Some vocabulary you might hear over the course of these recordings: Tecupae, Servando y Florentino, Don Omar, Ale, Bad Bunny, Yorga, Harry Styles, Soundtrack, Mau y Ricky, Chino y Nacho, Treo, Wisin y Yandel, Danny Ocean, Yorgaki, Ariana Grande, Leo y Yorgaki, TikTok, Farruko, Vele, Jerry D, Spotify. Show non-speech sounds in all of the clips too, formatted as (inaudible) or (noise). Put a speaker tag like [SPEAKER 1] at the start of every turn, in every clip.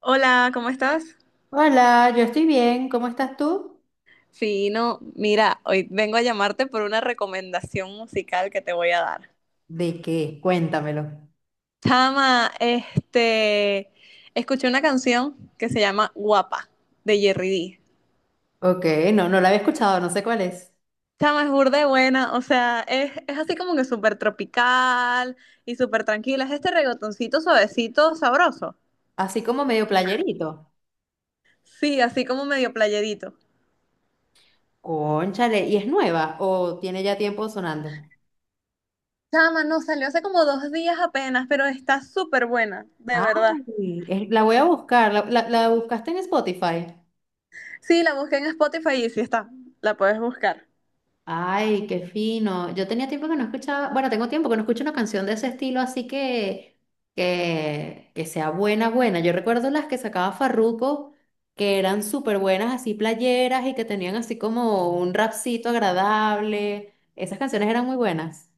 [SPEAKER 1] Hola, ¿cómo estás?
[SPEAKER 2] Hola, yo estoy bien. ¿Cómo estás tú?
[SPEAKER 1] Fino, mira, hoy vengo a llamarte por una recomendación musical que te voy a dar.
[SPEAKER 2] ¿De qué? Cuéntamelo.
[SPEAKER 1] Chama, escuché una canción que se llama Guapa, de Jerry D.
[SPEAKER 2] Ok, no, no la había escuchado, no sé cuál es.
[SPEAKER 1] Chama, es burda de buena, o sea, es así como que súper tropical y súper tranquila. Es este reggaetoncito suavecito, sabroso.
[SPEAKER 2] Así como medio playerito.
[SPEAKER 1] Sí, así como medio playerito.
[SPEAKER 2] Cónchale, ¿y es nueva o tiene ya tiempo sonando?
[SPEAKER 1] Chama, no, salió hace como dos días apenas, pero está súper buena, de verdad.
[SPEAKER 2] Ay, es- la voy a buscar. ¿La buscaste en Spotify?
[SPEAKER 1] Sí, la busqué en Spotify y sí está. La puedes buscar.
[SPEAKER 2] Ay, qué fino. Yo tenía tiempo que no escuchaba, bueno, tengo tiempo que no escucho una canción de ese estilo, así que que sea buena, buena. Yo recuerdo las que sacaba Farruko, que eran súper buenas, así playeras y que tenían así como un rapcito agradable. Esas canciones eran muy buenas.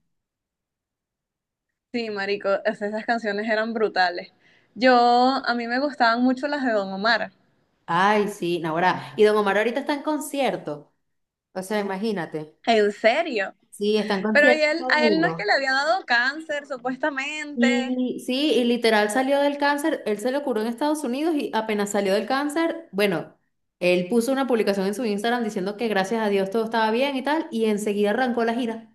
[SPEAKER 1] Sí, marico, esas canciones eran brutales. Yo, a mí me gustaban mucho las de Don Omar.
[SPEAKER 2] Ay, sí, Naguará. Y Don Omar ahorita está en concierto. O sea, imagínate.
[SPEAKER 1] En serio.
[SPEAKER 2] Sí, está en
[SPEAKER 1] Pero y
[SPEAKER 2] concierto
[SPEAKER 1] él,
[SPEAKER 2] todo el
[SPEAKER 1] a él no es que
[SPEAKER 2] mundo.
[SPEAKER 1] le había dado cáncer, supuestamente.
[SPEAKER 2] Y sí, y literal salió del cáncer, él se lo curó en Estados Unidos y apenas salió del cáncer, bueno, él puso una publicación en su Instagram diciendo que gracias a Dios todo estaba bien y tal, y enseguida arrancó la gira.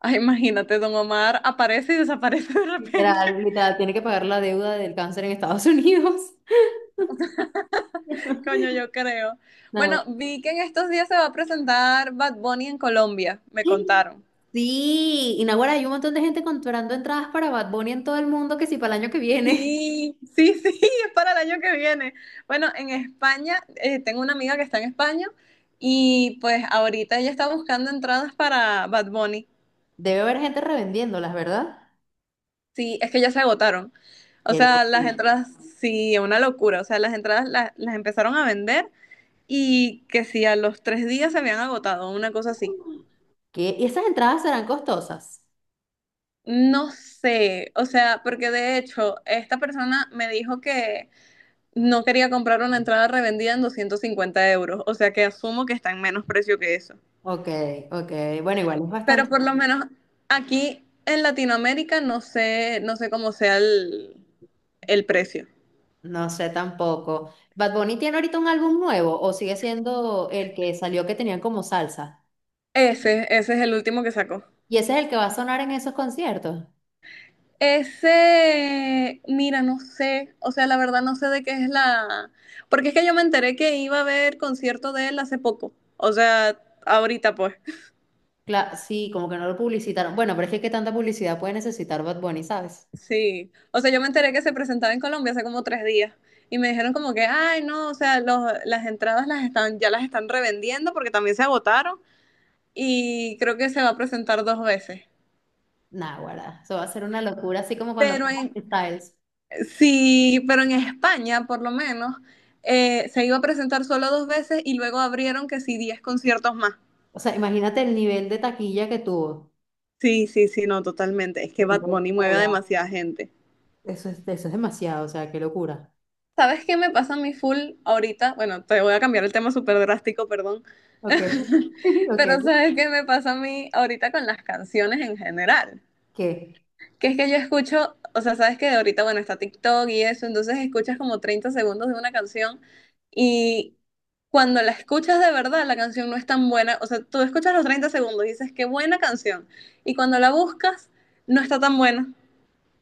[SPEAKER 1] Ay, imagínate, Don Omar aparece y desaparece de repente.
[SPEAKER 2] Literal, literal, tiene que pagar la deuda del cáncer en Estados Unidos. (laughs)
[SPEAKER 1] (laughs) Coño, yo creo.
[SPEAKER 2] No.
[SPEAKER 1] Bueno, vi que en estos días se va a presentar Bad Bunny en Colombia, me contaron.
[SPEAKER 2] Sí, y Naguará, hay un montón de gente comprando entradas para Bad Bunny en todo el mundo que si para el año que viene.
[SPEAKER 1] Sí, sí, sí, (laughs) es para el año que viene. Bueno, en España, tengo una amiga que está en España y pues ahorita ella está buscando entradas para Bad Bunny.
[SPEAKER 2] (laughs) Debe haber gente revendiéndolas, ¿verdad?
[SPEAKER 1] Sí, es que ya se agotaron. O
[SPEAKER 2] Qué
[SPEAKER 1] sea, las
[SPEAKER 2] locura.
[SPEAKER 1] entradas, sí, una locura. O sea, las entradas las, empezaron a vender y que sí, a los tres días se habían agotado, una cosa así.
[SPEAKER 2] ¿Qué? ¿Y esas entradas serán costosas?
[SPEAKER 1] No sé, o sea, porque de hecho, esta persona me dijo que no quería comprar una entrada revendida en 250 euros, o sea que asumo que está en menos precio que eso.
[SPEAKER 2] Ok, ok. Bueno, igual es bastante.
[SPEAKER 1] Pero por lo menos aquí en Latinoamérica no sé, no sé cómo sea el precio.
[SPEAKER 2] No sé tampoco. ¿Bad Bunny tiene ahorita un álbum nuevo o sigue siendo el que salió que tenían como salsa?
[SPEAKER 1] Ese es el último que sacó.
[SPEAKER 2] ¿Y ese es el que va a sonar en esos conciertos?
[SPEAKER 1] Ese, mira, no sé, o sea, la verdad no sé de qué es la... Porque es que yo me enteré que iba a haber concierto de él hace poco, o sea, ahorita pues.
[SPEAKER 2] Cla- sí, como que no lo publicitaron. Bueno, pero es que qué tanta publicidad puede necesitar Bad Bunny, ¿sabes?
[SPEAKER 1] Sí, o sea, yo me enteré que se presentaba en Colombia hace como tres días y me dijeron como que, ay, no, o sea, las entradas las están, ya las están revendiendo porque también se agotaron y creo que se va a presentar dos veces.
[SPEAKER 2] Nah, guarda, eso va a ser una locura, así como cuando
[SPEAKER 1] Pero
[SPEAKER 2] fue
[SPEAKER 1] en,
[SPEAKER 2] Harry Styles.
[SPEAKER 1] sí, pero en España, por lo menos, se iba a presentar solo dos veces y luego abrieron que sí, diez conciertos más.
[SPEAKER 2] O sea, imagínate el nivel de taquilla que tuvo.
[SPEAKER 1] Sí, sí, sí, no, totalmente. Es
[SPEAKER 2] Qué
[SPEAKER 1] que Bad Bunny mueve a
[SPEAKER 2] locura.
[SPEAKER 1] demasiada gente.
[SPEAKER 2] Eso es demasiado, o sea, qué locura.
[SPEAKER 1] ¿Sabes qué me pasa a mí full ahorita? Bueno, te voy a cambiar el tema súper drástico, perdón.
[SPEAKER 2] Ok, (laughs)
[SPEAKER 1] (laughs) Pero
[SPEAKER 2] ok,
[SPEAKER 1] ¿sabes qué me pasa a mí ahorita con las canciones en general?
[SPEAKER 2] ¿qué?
[SPEAKER 1] Que es que yo escucho, o sea, sabes que ahorita, bueno, está TikTok y eso, entonces escuchas como 30 segundos de una canción y cuando la escuchas de verdad, la canción no es tan buena. O sea, tú escuchas los 30 segundos y dices, qué buena canción. Y cuando la buscas, no está tan buena.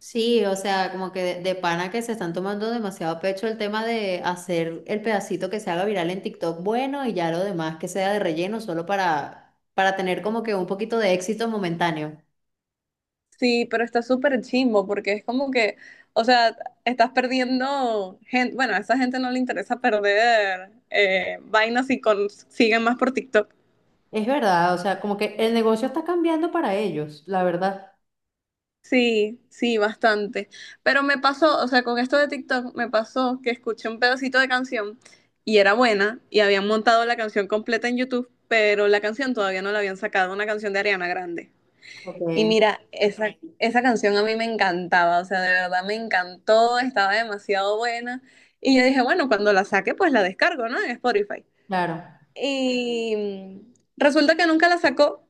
[SPEAKER 2] Sí, o sea, como que de pana que se están tomando demasiado a pecho el tema de hacer el pedacito que se haga viral en TikTok bueno y ya lo demás que sea de relleno solo para tener como que un poquito de éxito momentáneo.
[SPEAKER 1] Sí, pero está súper chimbo porque es como que, o sea, estás perdiendo gente, bueno, a esa gente no le interesa perder vainas y siguen más por TikTok.
[SPEAKER 2] Es verdad, o sea, como que el negocio está cambiando para ellos, la verdad.
[SPEAKER 1] Sí, sí, bastante. Pero me pasó, o sea, con esto de TikTok me pasó que escuché un pedacito de canción y era buena y habían montado la canción completa en YouTube, pero la canción todavía no la habían sacado, una canción de Ariana Grande. Y
[SPEAKER 2] Ok.
[SPEAKER 1] mira, esa canción a mí me encantaba, o sea, de verdad me encantó, estaba demasiado buena. Y yo dije, bueno, cuando la saque, pues la descargo, ¿no? En Spotify.
[SPEAKER 2] Claro.
[SPEAKER 1] Y resulta que nunca la sacó.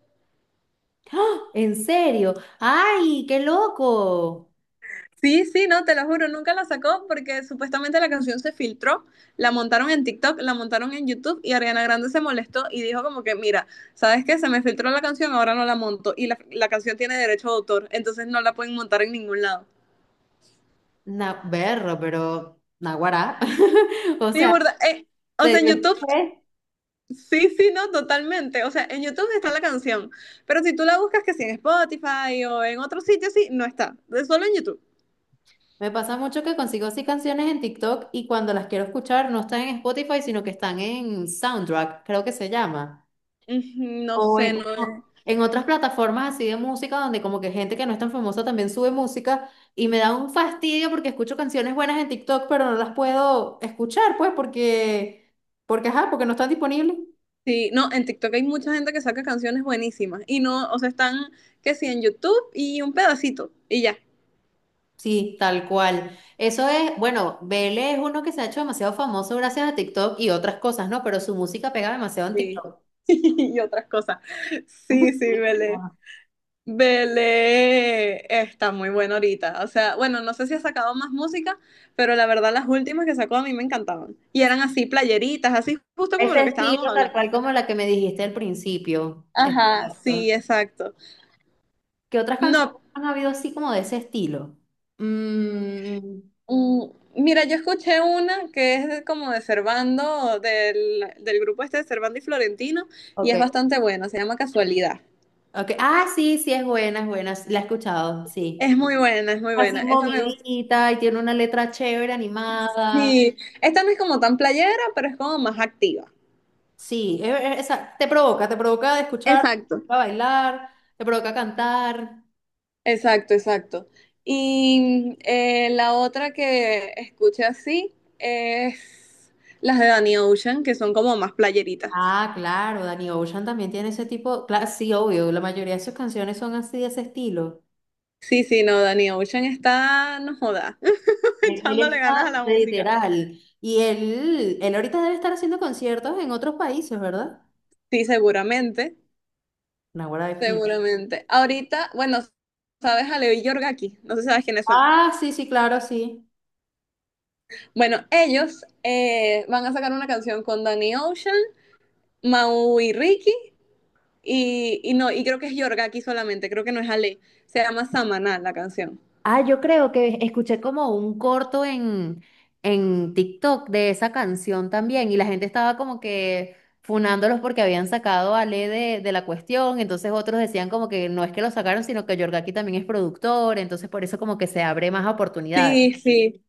[SPEAKER 2] ¡Ah! ¿En serio? ¡Ay, qué loco!
[SPEAKER 1] Sí, sí, no, te lo juro, nunca la sacó porque supuestamente la canción se filtró, la montaron en TikTok, la montaron en YouTube y Ariana Grande se molestó y dijo como que, mira, ¿sabes qué? Se me filtró la canción, ahora no la monto y la canción tiene derecho de autor, entonces no la pueden montar en ningún lado.
[SPEAKER 2] Na berro, pero naguará. (laughs) O
[SPEAKER 1] Sí,
[SPEAKER 2] sea,
[SPEAKER 1] burda, o
[SPEAKER 2] se
[SPEAKER 1] sea, en
[SPEAKER 2] dio.
[SPEAKER 1] YouTube sí, sí, no, totalmente. O sea, en YouTube está la canción, pero si tú la buscas que si en Spotify o en otro sitio, sí, no está. Es solo en YouTube.
[SPEAKER 2] Me pasa mucho que consigo así canciones en TikTok y cuando las quiero escuchar no están en Spotify, sino que están en Soundtrack, creo que se llama.
[SPEAKER 1] Ujú, no
[SPEAKER 2] O
[SPEAKER 1] sé,
[SPEAKER 2] en,
[SPEAKER 1] no es.
[SPEAKER 2] en otras plataformas así de música donde como que gente que no es tan famosa también sube música y me da un fastidio porque escucho canciones buenas en TikTok, pero no las puedo escuchar, pues, porque, porque, ajá, porque no están disponibles.
[SPEAKER 1] Sí, no, en TikTok hay mucha gente que saca canciones buenísimas y no, o sea, están que sí en YouTube y un pedacito y ya.
[SPEAKER 2] Sí, tal cual. Eso es, bueno, Vele es uno que se ha hecho demasiado famoso gracias a TikTok y otras cosas, ¿no? Pero su música pega demasiado en
[SPEAKER 1] Sí.
[SPEAKER 2] TikTok.
[SPEAKER 1] (laughs) Y otras cosas. Sí, sí, vale.
[SPEAKER 2] (laughs)
[SPEAKER 1] Belé está muy bueno ahorita. O sea, bueno, no sé si ha sacado más música, pero la verdad las últimas que sacó a mí me encantaban. Y eran así playeritas, así justo como
[SPEAKER 2] Ese
[SPEAKER 1] lo que estábamos
[SPEAKER 2] estilo tal
[SPEAKER 1] hablando.
[SPEAKER 2] cual como la que me dijiste al principio.
[SPEAKER 1] Ajá, sí,
[SPEAKER 2] Exacto.
[SPEAKER 1] exacto.
[SPEAKER 2] ¿Qué otras canciones
[SPEAKER 1] No,
[SPEAKER 2] han habido así como de ese estilo? Mm,
[SPEAKER 1] mm, mira, yo escuché una que como de Servando, del grupo este de Servando y Florentino, y es
[SPEAKER 2] ok,
[SPEAKER 1] bastante buena, se llama Casualidad.
[SPEAKER 2] ok. Ah, sí, sí, es buena, es buena. La he escuchado, sí.
[SPEAKER 1] Es muy buena, es muy
[SPEAKER 2] Así
[SPEAKER 1] buena. Esa me gusta.
[SPEAKER 2] movidita y tiene una letra chévere, animada.
[SPEAKER 1] Sí, esta no es como tan playera, pero es como más activa.
[SPEAKER 2] Sí, esa te provoca de escuchar,
[SPEAKER 1] Exacto.
[SPEAKER 2] a bailar, te provoca cantar.
[SPEAKER 1] Exacto, exacto. Y la otra que escuché así es las de Danny Ocean, que son como más playeritas.
[SPEAKER 2] Ah, claro, Danny Ocean también tiene ese tipo. Claro, sí, obvio, la mayoría de sus canciones son así de ese estilo.
[SPEAKER 1] Sí, sí, no, Danny Ocean está, no joda, (laughs)
[SPEAKER 2] Él
[SPEAKER 1] echándole
[SPEAKER 2] está
[SPEAKER 1] ganas a la música.
[SPEAKER 2] literal. Y él ahorita debe estar haciendo conciertos en otros países, ¿verdad?
[SPEAKER 1] Sí,
[SPEAKER 2] Naguará de Fil.
[SPEAKER 1] seguramente. Ahorita, bueno, sabes a Leo y Yorgaki, no sé si sabes quiénes son.
[SPEAKER 2] Ah, sí, sí, claro, sí.
[SPEAKER 1] Bueno, ellos van a sacar una canción con Danny Ocean, Mau y Ricky, y no, y creo que es Yorga aquí solamente, creo que no es Ale. Se llama Samaná la canción.
[SPEAKER 2] Ah, yo creo que escuché como un corto en TikTok de esa canción también. Y la gente estaba como que funándolos porque habían sacado a Ale de la cuestión. Entonces otros decían como que no es que lo sacaron, sino que Yorgaki también es productor. Entonces por eso como que se abre más oportunidades.
[SPEAKER 1] Sí, sí,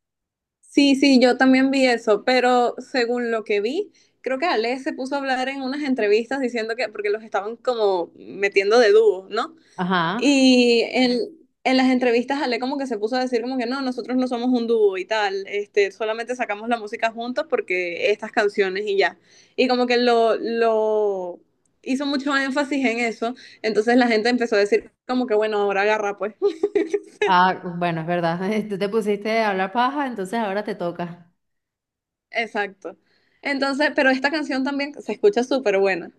[SPEAKER 1] sí, sí, yo también vi eso, pero según lo que vi, creo que Ale se puso a hablar en unas entrevistas diciendo que, porque los estaban como metiendo de dúo, ¿no?
[SPEAKER 2] Ajá.
[SPEAKER 1] Y en las entrevistas Ale como que se puso a decir como que no, nosotros no somos un dúo y tal, este, solamente sacamos la música juntos porque estas canciones y ya. Y como que lo hizo mucho énfasis en eso, entonces la gente empezó a decir como que bueno, ahora agarra pues. (laughs)
[SPEAKER 2] Ah, bueno, es verdad. (laughs) Tú te pusiste a hablar paja, entonces ahora te toca.
[SPEAKER 1] Exacto. Entonces, pero esta canción también se escucha súper buena.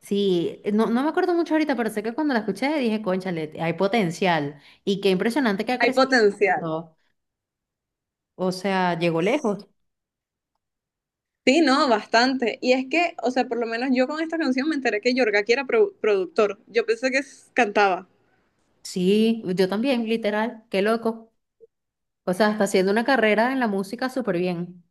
[SPEAKER 2] Sí, no, no me acuerdo mucho ahorita, pero sé que cuando la escuché dije, cónchale, hay potencial. Y qué impresionante que ha
[SPEAKER 1] Hay
[SPEAKER 2] crecido
[SPEAKER 1] potencial.
[SPEAKER 2] tanto. O sea, llegó lejos.
[SPEAKER 1] Sí, no, bastante. Y es que, o sea, por lo menos yo con esta canción me enteré que Yorga era productor. Yo pensé que cantaba.
[SPEAKER 2] Sí, yo también, literal. Qué loco. O sea, está haciendo una carrera en la música súper bien.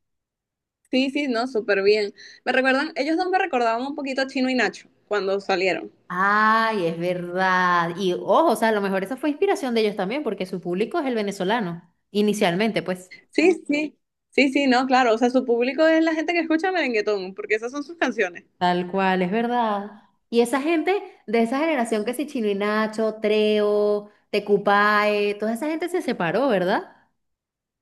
[SPEAKER 1] Sí, sí, no, súper bien. Me recuerdan, ellos dos me recordaban un poquito a Chino y Nacho cuando salieron.
[SPEAKER 2] Ay, es verdad. Y ojo, o sea, a lo mejor esa fue inspiración de ellos también, porque su público es el venezolano, inicialmente, pues.
[SPEAKER 1] Sí, sí, sí, sí, no, claro. O sea, su público es la gente que escucha merenguetón, porque esas son sus canciones.
[SPEAKER 2] Tal cual, es verdad. Y esa gente de esa generación que si Chino y Nacho, Treo, Tecupae, toda esa gente se separó, ¿verdad?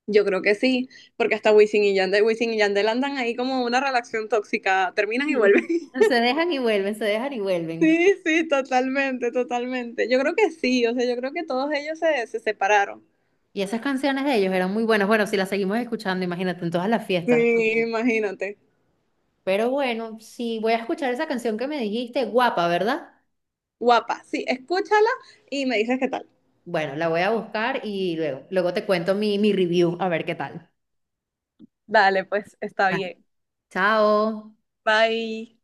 [SPEAKER 1] Yo creo que sí, porque hasta Wisin y Yandel andan ahí como una relación tóxica, terminan y vuelven.
[SPEAKER 2] Sí.
[SPEAKER 1] (laughs)
[SPEAKER 2] Se dejan y vuelven, se dejan y vuelven.
[SPEAKER 1] Sí, sí, totalmente, totalmente. Yo creo que sí, o sea, yo creo que todos ellos se separaron.
[SPEAKER 2] Y esas canciones de ellos eran muy buenas. Bueno, si las seguimos escuchando, imagínate, en todas las fiestas.
[SPEAKER 1] Sí, imagínate.
[SPEAKER 2] Pero bueno, sí, voy a escuchar esa canción que me dijiste, guapa, ¿verdad?
[SPEAKER 1] Guapa, sí, escúchala y me dices qué tal.
[SPEAKER 2] Bueno, la voy a buscar y luego, luego te cuento mi review, a ver qué tal.
[SPEAKER 1] Dale, pues está
[SPEAKER 2] Ah,
[SPEAKER 1] bien.
[SPEAKER 2] Chao.
[SPEAKER 1] Bye.